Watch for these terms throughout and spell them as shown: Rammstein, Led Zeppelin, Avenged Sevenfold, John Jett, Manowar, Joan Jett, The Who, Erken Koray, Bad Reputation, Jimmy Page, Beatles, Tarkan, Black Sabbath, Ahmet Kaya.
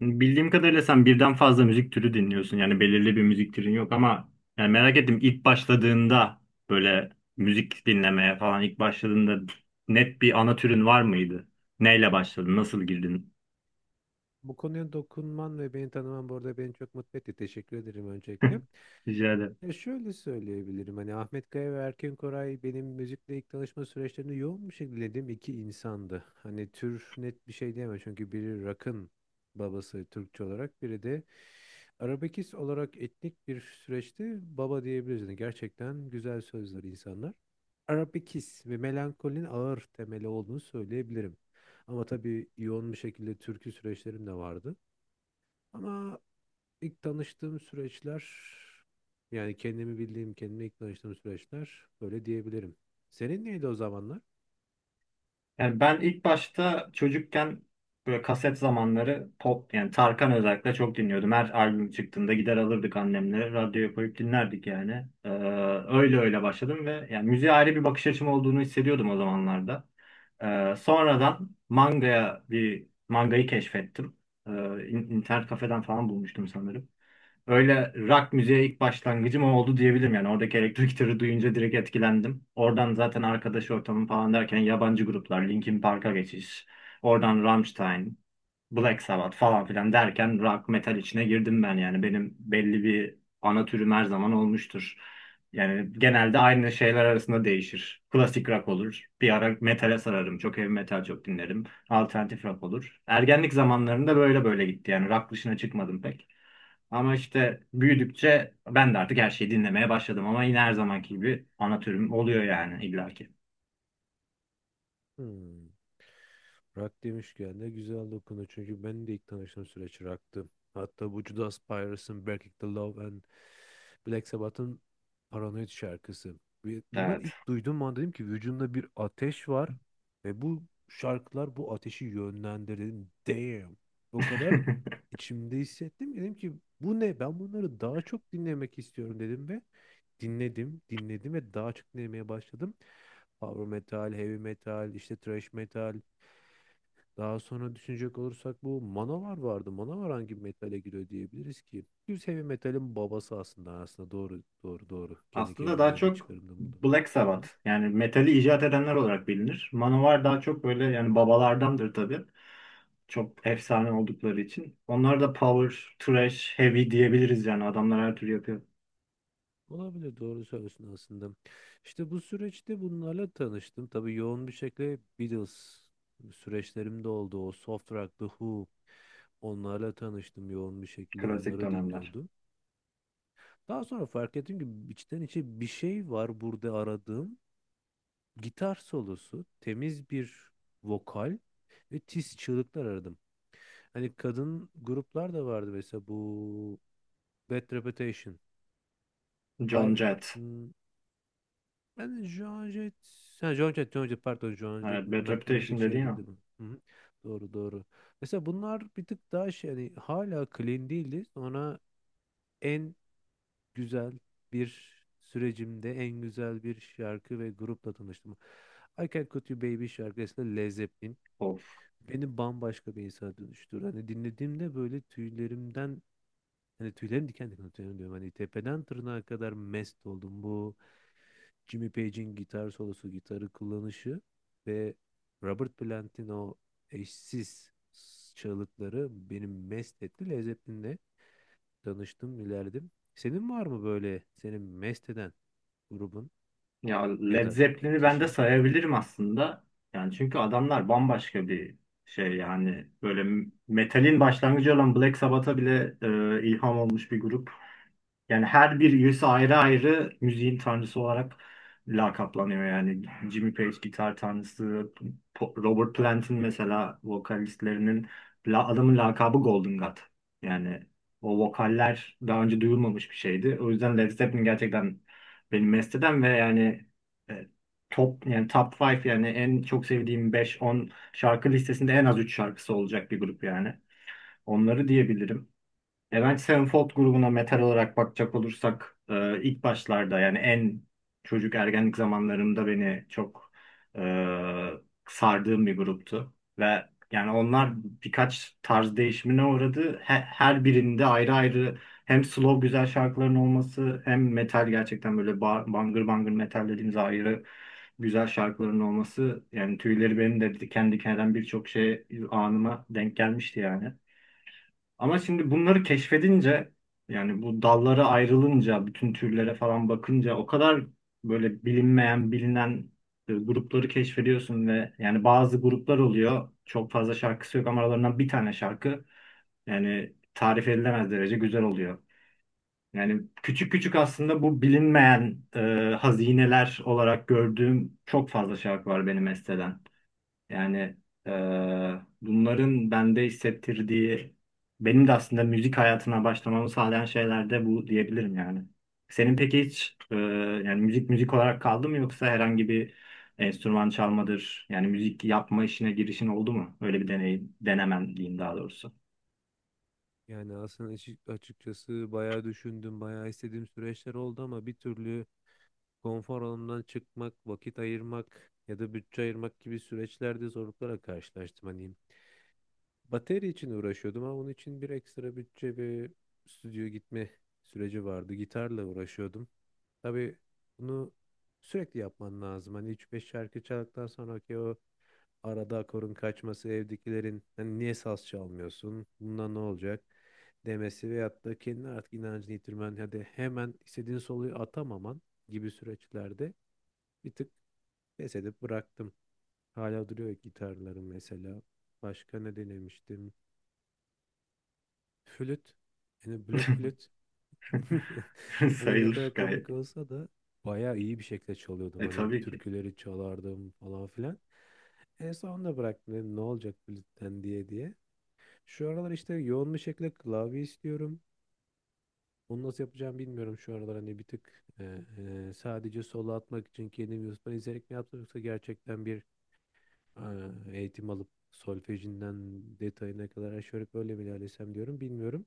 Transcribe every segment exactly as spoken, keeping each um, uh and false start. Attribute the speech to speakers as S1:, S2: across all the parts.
S1: Bildiğim kadarıyla sen birden fazla müzik türü dinliyorsun. Yani belirli bir müzik türün yok ama yani merak ettim ilk başladığında böyle müzik dinlemeye falan ilk başladığında net bir ana türün var mıydı? Neyle başladın? Nasıl girdin?
S2: Bu konuya dokunman ve beni tanıman bu arada beni çok mutlu etti. Teşekkür ederim öncelikle.
S1: Rica ederim.
S2: Ya şöyle söyleyebilirim hani Ahmet Kaya ve Erken Koray benim müzikle ilk tanışma süreçlerinde yoğun bir şekilde dinlediğim iki insandı. Hani tür net bir şey diyemem çünkü biri rock'ın babası Türkçe olarak biri de arabekiz olarak etnik bir süreçte baba diyebiliriz. Yani gerçekten güzel sözler insanlar. Arabekiz ve melankolinin ağır temeli olduğunu söyleyebilirim. Ama tabii yoğun bir şekilde türkü süreçlerim de vardı. Ama İlk tanıştığım süreçler yani kendimi bildiğim, kendime ilk tanıştığım süreçler böyle diyebilirim. Senin neydi o zamanlar?
S1: Yani ben ilk başta çocukken böyle kaset zamanları pop yani Tarkan özellikle çok dinliyordum. Her albüm çıktığında gider alırdık annemle radyoya koyup dinlerdik yani. Ee, öyle öyle başladım ve yani müziğe ayrı bir bakış açım olduğunu hissediyordum o zamanlarda. Ee, sonradan mangaya bir mangayı keşfettim. Ee, in- internet kafeden falan bulmuştum sanırım. Öyle rock müziğe ilk başlangıcım o oldu diyebilirim yani. Oradaki elektro gitarı duyunca direkt etkilendim. Oradan zaten arkadaş ortamı falan derken yabancı gruplar, Linkin Park'a geçiş, oradan Rammstein, Black Sabbath falan filan derken rock metal içine girdim ben yani. Benim belli bir ana türüm her zaman olmuştur. Yani genelde aynı şeyler arasında değişir. Klasik rock olur. Bir ara metale sararım. Çok heavy metal çok dinlerim. Alternatif rock olur. Ergenlik zamanlarında böyle böyle gitti yani. Rock dışına çıkmadım pek. Ama işte büyüdükçe ben de artık her şeyi dinlemeye başladım ama yine her zamanki gibi ana türüm oluyor yani illaki.
S2: Hmm. Rock demişken de güzel dokunu. Çünkü ben de ilk tanıştığım süreç rock'tı. Hatta bu Judas Priest'in Breaking the Law and Black Sabbath'ın Paranoid şarkısı. Ve Bunlar
S1: Evet.
S2: ilk duyduğum an dedim ki vücudumda bir ateş var ve bu şarkılar bu ateşi yönlendirin. Damn. O kadar içimde hissettim ki dedim ki bu ne? Ben bunları daha çok dinlemek istiyorum dedim ve dinledim, dinledim ve daha çok dinlemeye başladım. Power metal, heavy metal, işte thrash metal. Daha sonra düşünecek olursak bu Manowar vardı. Manowar hangi metale giriyor diyebiliriz ki? Düz heavy metalin babası aslında aslında doğru doğru doğru. Kendi
S1: Aslında daha
S2: kendime bir
S1: çok
S2: çıkarımda buldum.
S1: Black
S2: Hı hı.
S1: Sabbath yani metali icat edenler olarak bilinir. Manowar daha çok böyle yani babalardandır tabii. Çok efsane oldukları için. Onlar da power, thrash, heavy diyebiliriz yani adamlar her türlü yapıyor.
S2: Olabilir doğru söylüyorsun aslında. İşte bu süreçte bunlarla tanıştım. Tabii yoğun bir şekilde Beatles süreçlerimde oldu. O soft rock, The Who onlarla tanıştım, yoğun bir şekilde
S1: Klasik
S2: onları
S1: dönemler.
S2: dinliyordum. Daha sonra fark ettim ki içten içe bir şey var burada aradığım. Gitar solosu, temiz bir vokal ve tiz çığlıklar aradım. Hani kadın gruplar da vardı, mesela bu Bad Reputation. Ay,
S1: John Jett.
S2: hmm, ben Joan Jett, ha, Joan Jett, Joan Jett, pardon, Joan
S1: Evet,
S2: Jett'in,
S1: Bad
S2: aklım bir tık
S1: Reputation
S2: şeye gitti.
S1: dediğin
S2: Hı hı. Doğru doğru. Mesela bunlar bir tık daha şey, hani hala clean değildi. Sonra en güzel bir sürecimde en güzel bir şarkı ve grupla tanıştım. I Can Cut You Baby şarkısında Led Zeppelin
S1: o.
S2: beni bambaşka bir insana dönüştürdü. Hani dinlediğimde böyle tüylerimden, hani tüylerim diken diken, tüylerim diyorum. Hani tepeden tırnağa kadar mest oldum. Bu Jimmy Page'in gitar solosu, gitarı kullanışı ve Robert Plant'in o eşsiz çığlıkları beni mest etti. Led Zeppelin'le tanıştım, ilerledim. Senin var mı böyle senin mest eden grubun
S1: Ya
S2: ya
S1: Led
S2: da
S1: Zeppelin'i ben de
S2: kişinin?
S1: sayabilirim aslında. Yani çünkü adamlar bambaşka bir şey yani böyle metalin başlangıcı olan Black Sabbath'a bile e, ilham olmuş bir grup. Yani her bir üyesi ayrı ayrı müziğin tanrısı olarak lakaplanıyor yani. Jimmy Page gitar tanrısı, Po- Robert Plant'in mesela vokalistlerinin la- adamın lakabı Golden God. Yani o vokaller daha önce duyulmamış bir şeydi. O yüzden Led Zeppelin gerçekten benim mesteden ve yani e, top yani top beş yani en çok sevdiğim beş on şarkı listesinde en az üç şarkısı olacak bir grup yani. Onları diyebilirim. Avenged Sevenfold grubuna metal olarak bakacak olursak e, ilk başlarda yani en çocuk ergenlik zamanlarımda beni çok e, sardığım bir gruptu. Ve yani onlar birkaç tarz değişimine uğradı. He- her birinde ayrı ayrı hem slow güzel şarkıların olması hem metal gerçekten böyle ba- bangır bangır metal dediğimiz ayrı güzel şarkıların olması yani tüyleri benim de diken diken eden birçok şey anıma denk gelmişti yani. Ama şimdi bunları keşfedince yani bu dallara ayrılınca bütün türlere falan bakınca o kadar böyle bilinmeyen bilinen e, grupları keşfediyorsun ve yani bazı gruplar oluyor çok fazla şarkısı yok ama aralarından bir tane şarkı yani tarif edilemez derece güzel oluyor. Yani küçük küçük aslında bu bilinmeyen e, hazineler olarak gördüğüm çok fazla şarkı var benim esteden. Yani eee, bunların bende hissettirdiği, benim de aslında müzik hayatına başlamamı sağlayan şeyler de bu diyebilirim yani. Senin peki hiç eee, yani müzik müzik olarak kaldı mı yoksa herhangi bir enstrüman çalmadır, yani müzik yapma işine girişin oldu mu? Öyle bir deneyim, denemen diyeyim daha doğrusu.
S2: Yani aslında açık- açıkçası bayağı düşündüm, bayağı istediğim süreçler oldu ama bir türlü konfor alanından çıkmak, vakit ayırmak ya da bütçe ayırmak gibi süreçlerde zorluklara karşılaştım. Hani bateri için uğraşıyordum ama onun için bir ekstra bütçe ve stüdyo gitme süreci vardı. Gitarla uğraşıyordum. Tabii bunu sürekli yapman lazım. Hani üç beş şarkı çaldıktan sonra ki o Arada akorun kaçması, evdekilerin hani niye saz çalmıyorsun, bundan ne olacak demesi veyahut da kendine artık inancını yitirmen, hadi hemen istediğin soluyu atamaman gibi süreçlerde bir tık pes edip bıraktım. Hala duruyor gitarlarım mesela. Başka ne denemiştim? Flüt. Yani blok flüt. Hani ne
S1: Sayılır
S2: kadar
S1: gayet.
S2: komik olsa da bayağı iyi bir şekilde çalıyordum.
S1: E
S2: Hani
S1: tabii ki.
S2: türküleri çalardım falan filan. En sonunda bıraktım, dedim ne olacak flütten diye diye. Şu aralar işte yoğun bir şekilde klavye istiyorum. Onu nasıl yapacağımı bilmiyorum şu aralar. Hani bir tık e, e, sadece solo atmak için kendim YouTube'dan izleyerek mi yapsam, yoksa gerçekten bir e, eğitim alıp solfejinden detayına kadar aşağı yukarı böyle mi ilerlesem diyorum, bilmiyorum.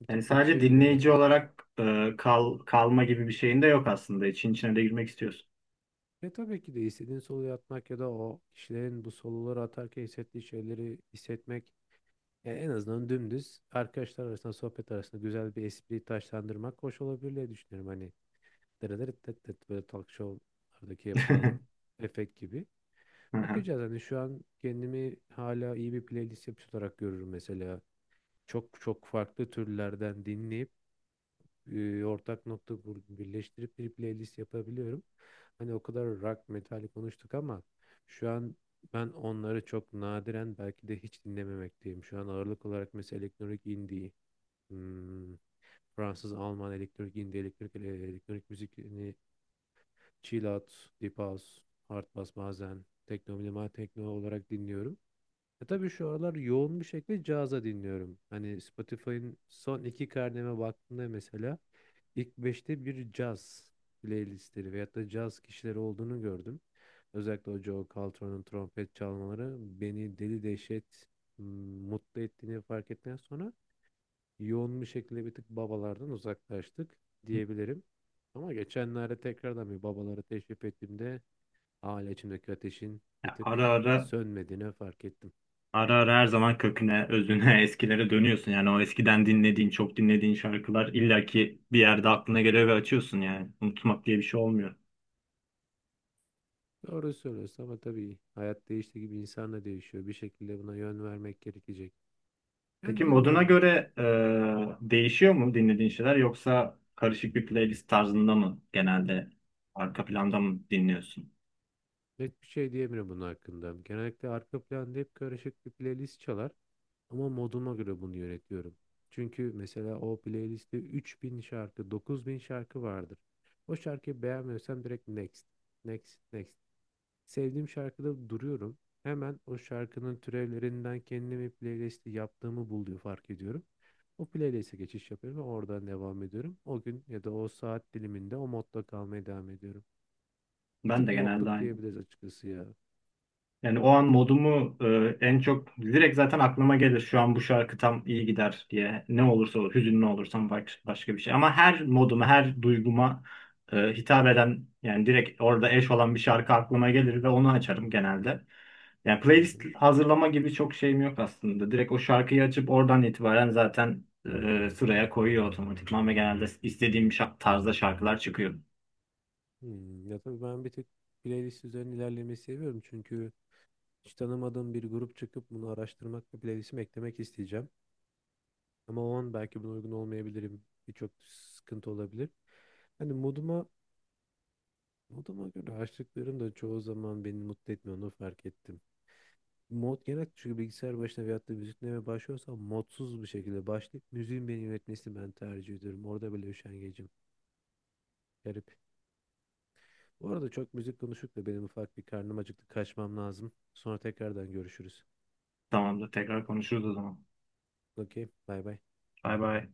S2: Bir
S1: Yani
S2: tık
S1: sadece
S2: bütçeye göre
S1: dinleyici
S2: bakın.
S1: olarak e, kal kalma gibi bir şeyin de yok aslında. İçin içine de girmek istiyorsun.
S2: Ve tabii ki de istediğin soloyu atmak ya da o kişilerin bu soloları atarken hissettiği şeyleri hissetmek, e, en azından dümdüz arkadaşlar arasında, sohbet arasında güzel bir espri taşlandırmak hoş olabilir diye düşünüyorum. Hani dırıdırıtıtıt, böyle talk show'lardaki yapılan efekt gibi. Bakacağız, hani şu an kendimi hala iyi bir playlist yapıcı olarak görürüm mesela. Çok çok farklı türlerden dinleyip e, ortak nokta bul- birleştirip bir playlist yapabiliyorum. Hani o kadar rock, metal konuştuk ama şu an ben onları çok nadiren, belki de hiç dinlememekteyim. Şu an ağırlık olarak mesela elektronik indie, hmm, Fransız, Alman elektronik indie, elektronik, elektronik müzik, Chill Out, Deep House, Hard Bass, bazen tekno, minimal tekno olarak dinliyorum. E tabii şu aralar yoğun bir şekilde caza dinliyorum. Hani Spotify'ın son iki karneme baktığımda mesela ilk beşte bir caz playlistleri veyahut da caz kişileri olduğunu gördüm. Özellikle o Joe Caltron'un trompet çalmaları beni deli dehşet m, mutlu ettiğini fark ettikten sonra yoğun bir şekilde bir tık babalardan uzaklaştık diyebilirim. Ama geçenlerde tekrardan bir babaları teşrif ettiğimde Hala içimdeki ateşin bir
S1: Ya ara
S2: tık
S1: ara
S2: sönmediğini fark ettim.
S1: Ara ara her zaman köküne, özüne, eskilere dönüyorsun. Yani o eskiden dinlediğin, çok dinlediğin şarkılar illaki bir yerde aklına geliyor ve açıyorsun yani. Unutmak diye bir şey olmuyor.
S2: Doğru söylüyorsun ama tabii hayat değiştiği gibi insan da değişiyor. Bir şekilde buna yön vermek gerekecek.
S1: Peki
S2: Yani
S1: moduna
S2: bilmiyorum.
S1: göre e, değişiyor mu dinlediğin şeyler yoksa karışık bir playlist tarzında mı genelde arka planda mı dinliyorsun?
S2: Net bir şey diyemiyorum bunun hakkında. Genellikle arka planda hep karışık bir playlist çalar. Ama moduma göre bunu yönetiyorum. Çünkü mesela o playlistte üç bin şarkı, dokuz bin şarkı vardır. O şarkıyı beğenmiyorsam direkt next, next, next. Sevdiğim şarkıda duruyorum. Hemen o şarkının türevlerinden kendime bir playlisti yaptığımı buluyor, fark ediyorum. O playlist'e geçiş yapıyorum ve oradan devam ediyorum. O gün ya da o saat diliminde o modda kalmaya devam ediyorum. Bir
S1: Ben
S2: tık
S1: de genelde
S2: modluk
S1: aynı.
S2: diyebiliriz açıkçası ya.
S1: Yani o an modumu e, en çok direkt zaten aklıma gelir. Şu an bu şarkı tam iyi gider diye. Ne olursa olur. Hüzünlü olursam baş, başka bir şey. Ama her moduma, her duyguma e, hitap eden yani direkt orada eş olan bir şarkı aklıma gelir ve onu açarım genelde. Yani
S2: Hı
S1: playlist
S2: hı.
S1: hazırlama gibi çok şeyim yok aslında. Direkt o şarkıyı açıp oradan itibaren zaten e, sıraya koyuyor otomatikman ve genelde istediğim şa- tarzda şarkılar çıkıyor.
S2: Hmm, Ya tabii ben bir tık playlist üzerine ilerlemeyi seviyorum. Çünkü hiç tanımadığım bir grup çıkıp bunu araştırmak ve playlistime eklemek isteyeceğim. Ama o an belki buna uygun olmayabilirim. Birçok sıkıntı olabilir. Hani moduma Moduma göre açtıklarım da çoğu zaman beni mutlu etmiyor, onu fark ettim. Mod genel çünkü bilgisayar başına veyahut da müzik dinlemeye başlıyorsam modsuz bir şekilde başlayıp müziğin beni yönetmesini ben tercih ediyorum. Orada böyle üşengecim. Garip. Bu arada çok müzik konuştuk da benim ufak bir karnım acıktı. Kaçmam lazım. Sonra tekrardan görüşürüz.
S1: Tamamdır. Tekrar konuşuruz o zaman.
S2: Okey. Bay bay.
S1: Bay bay.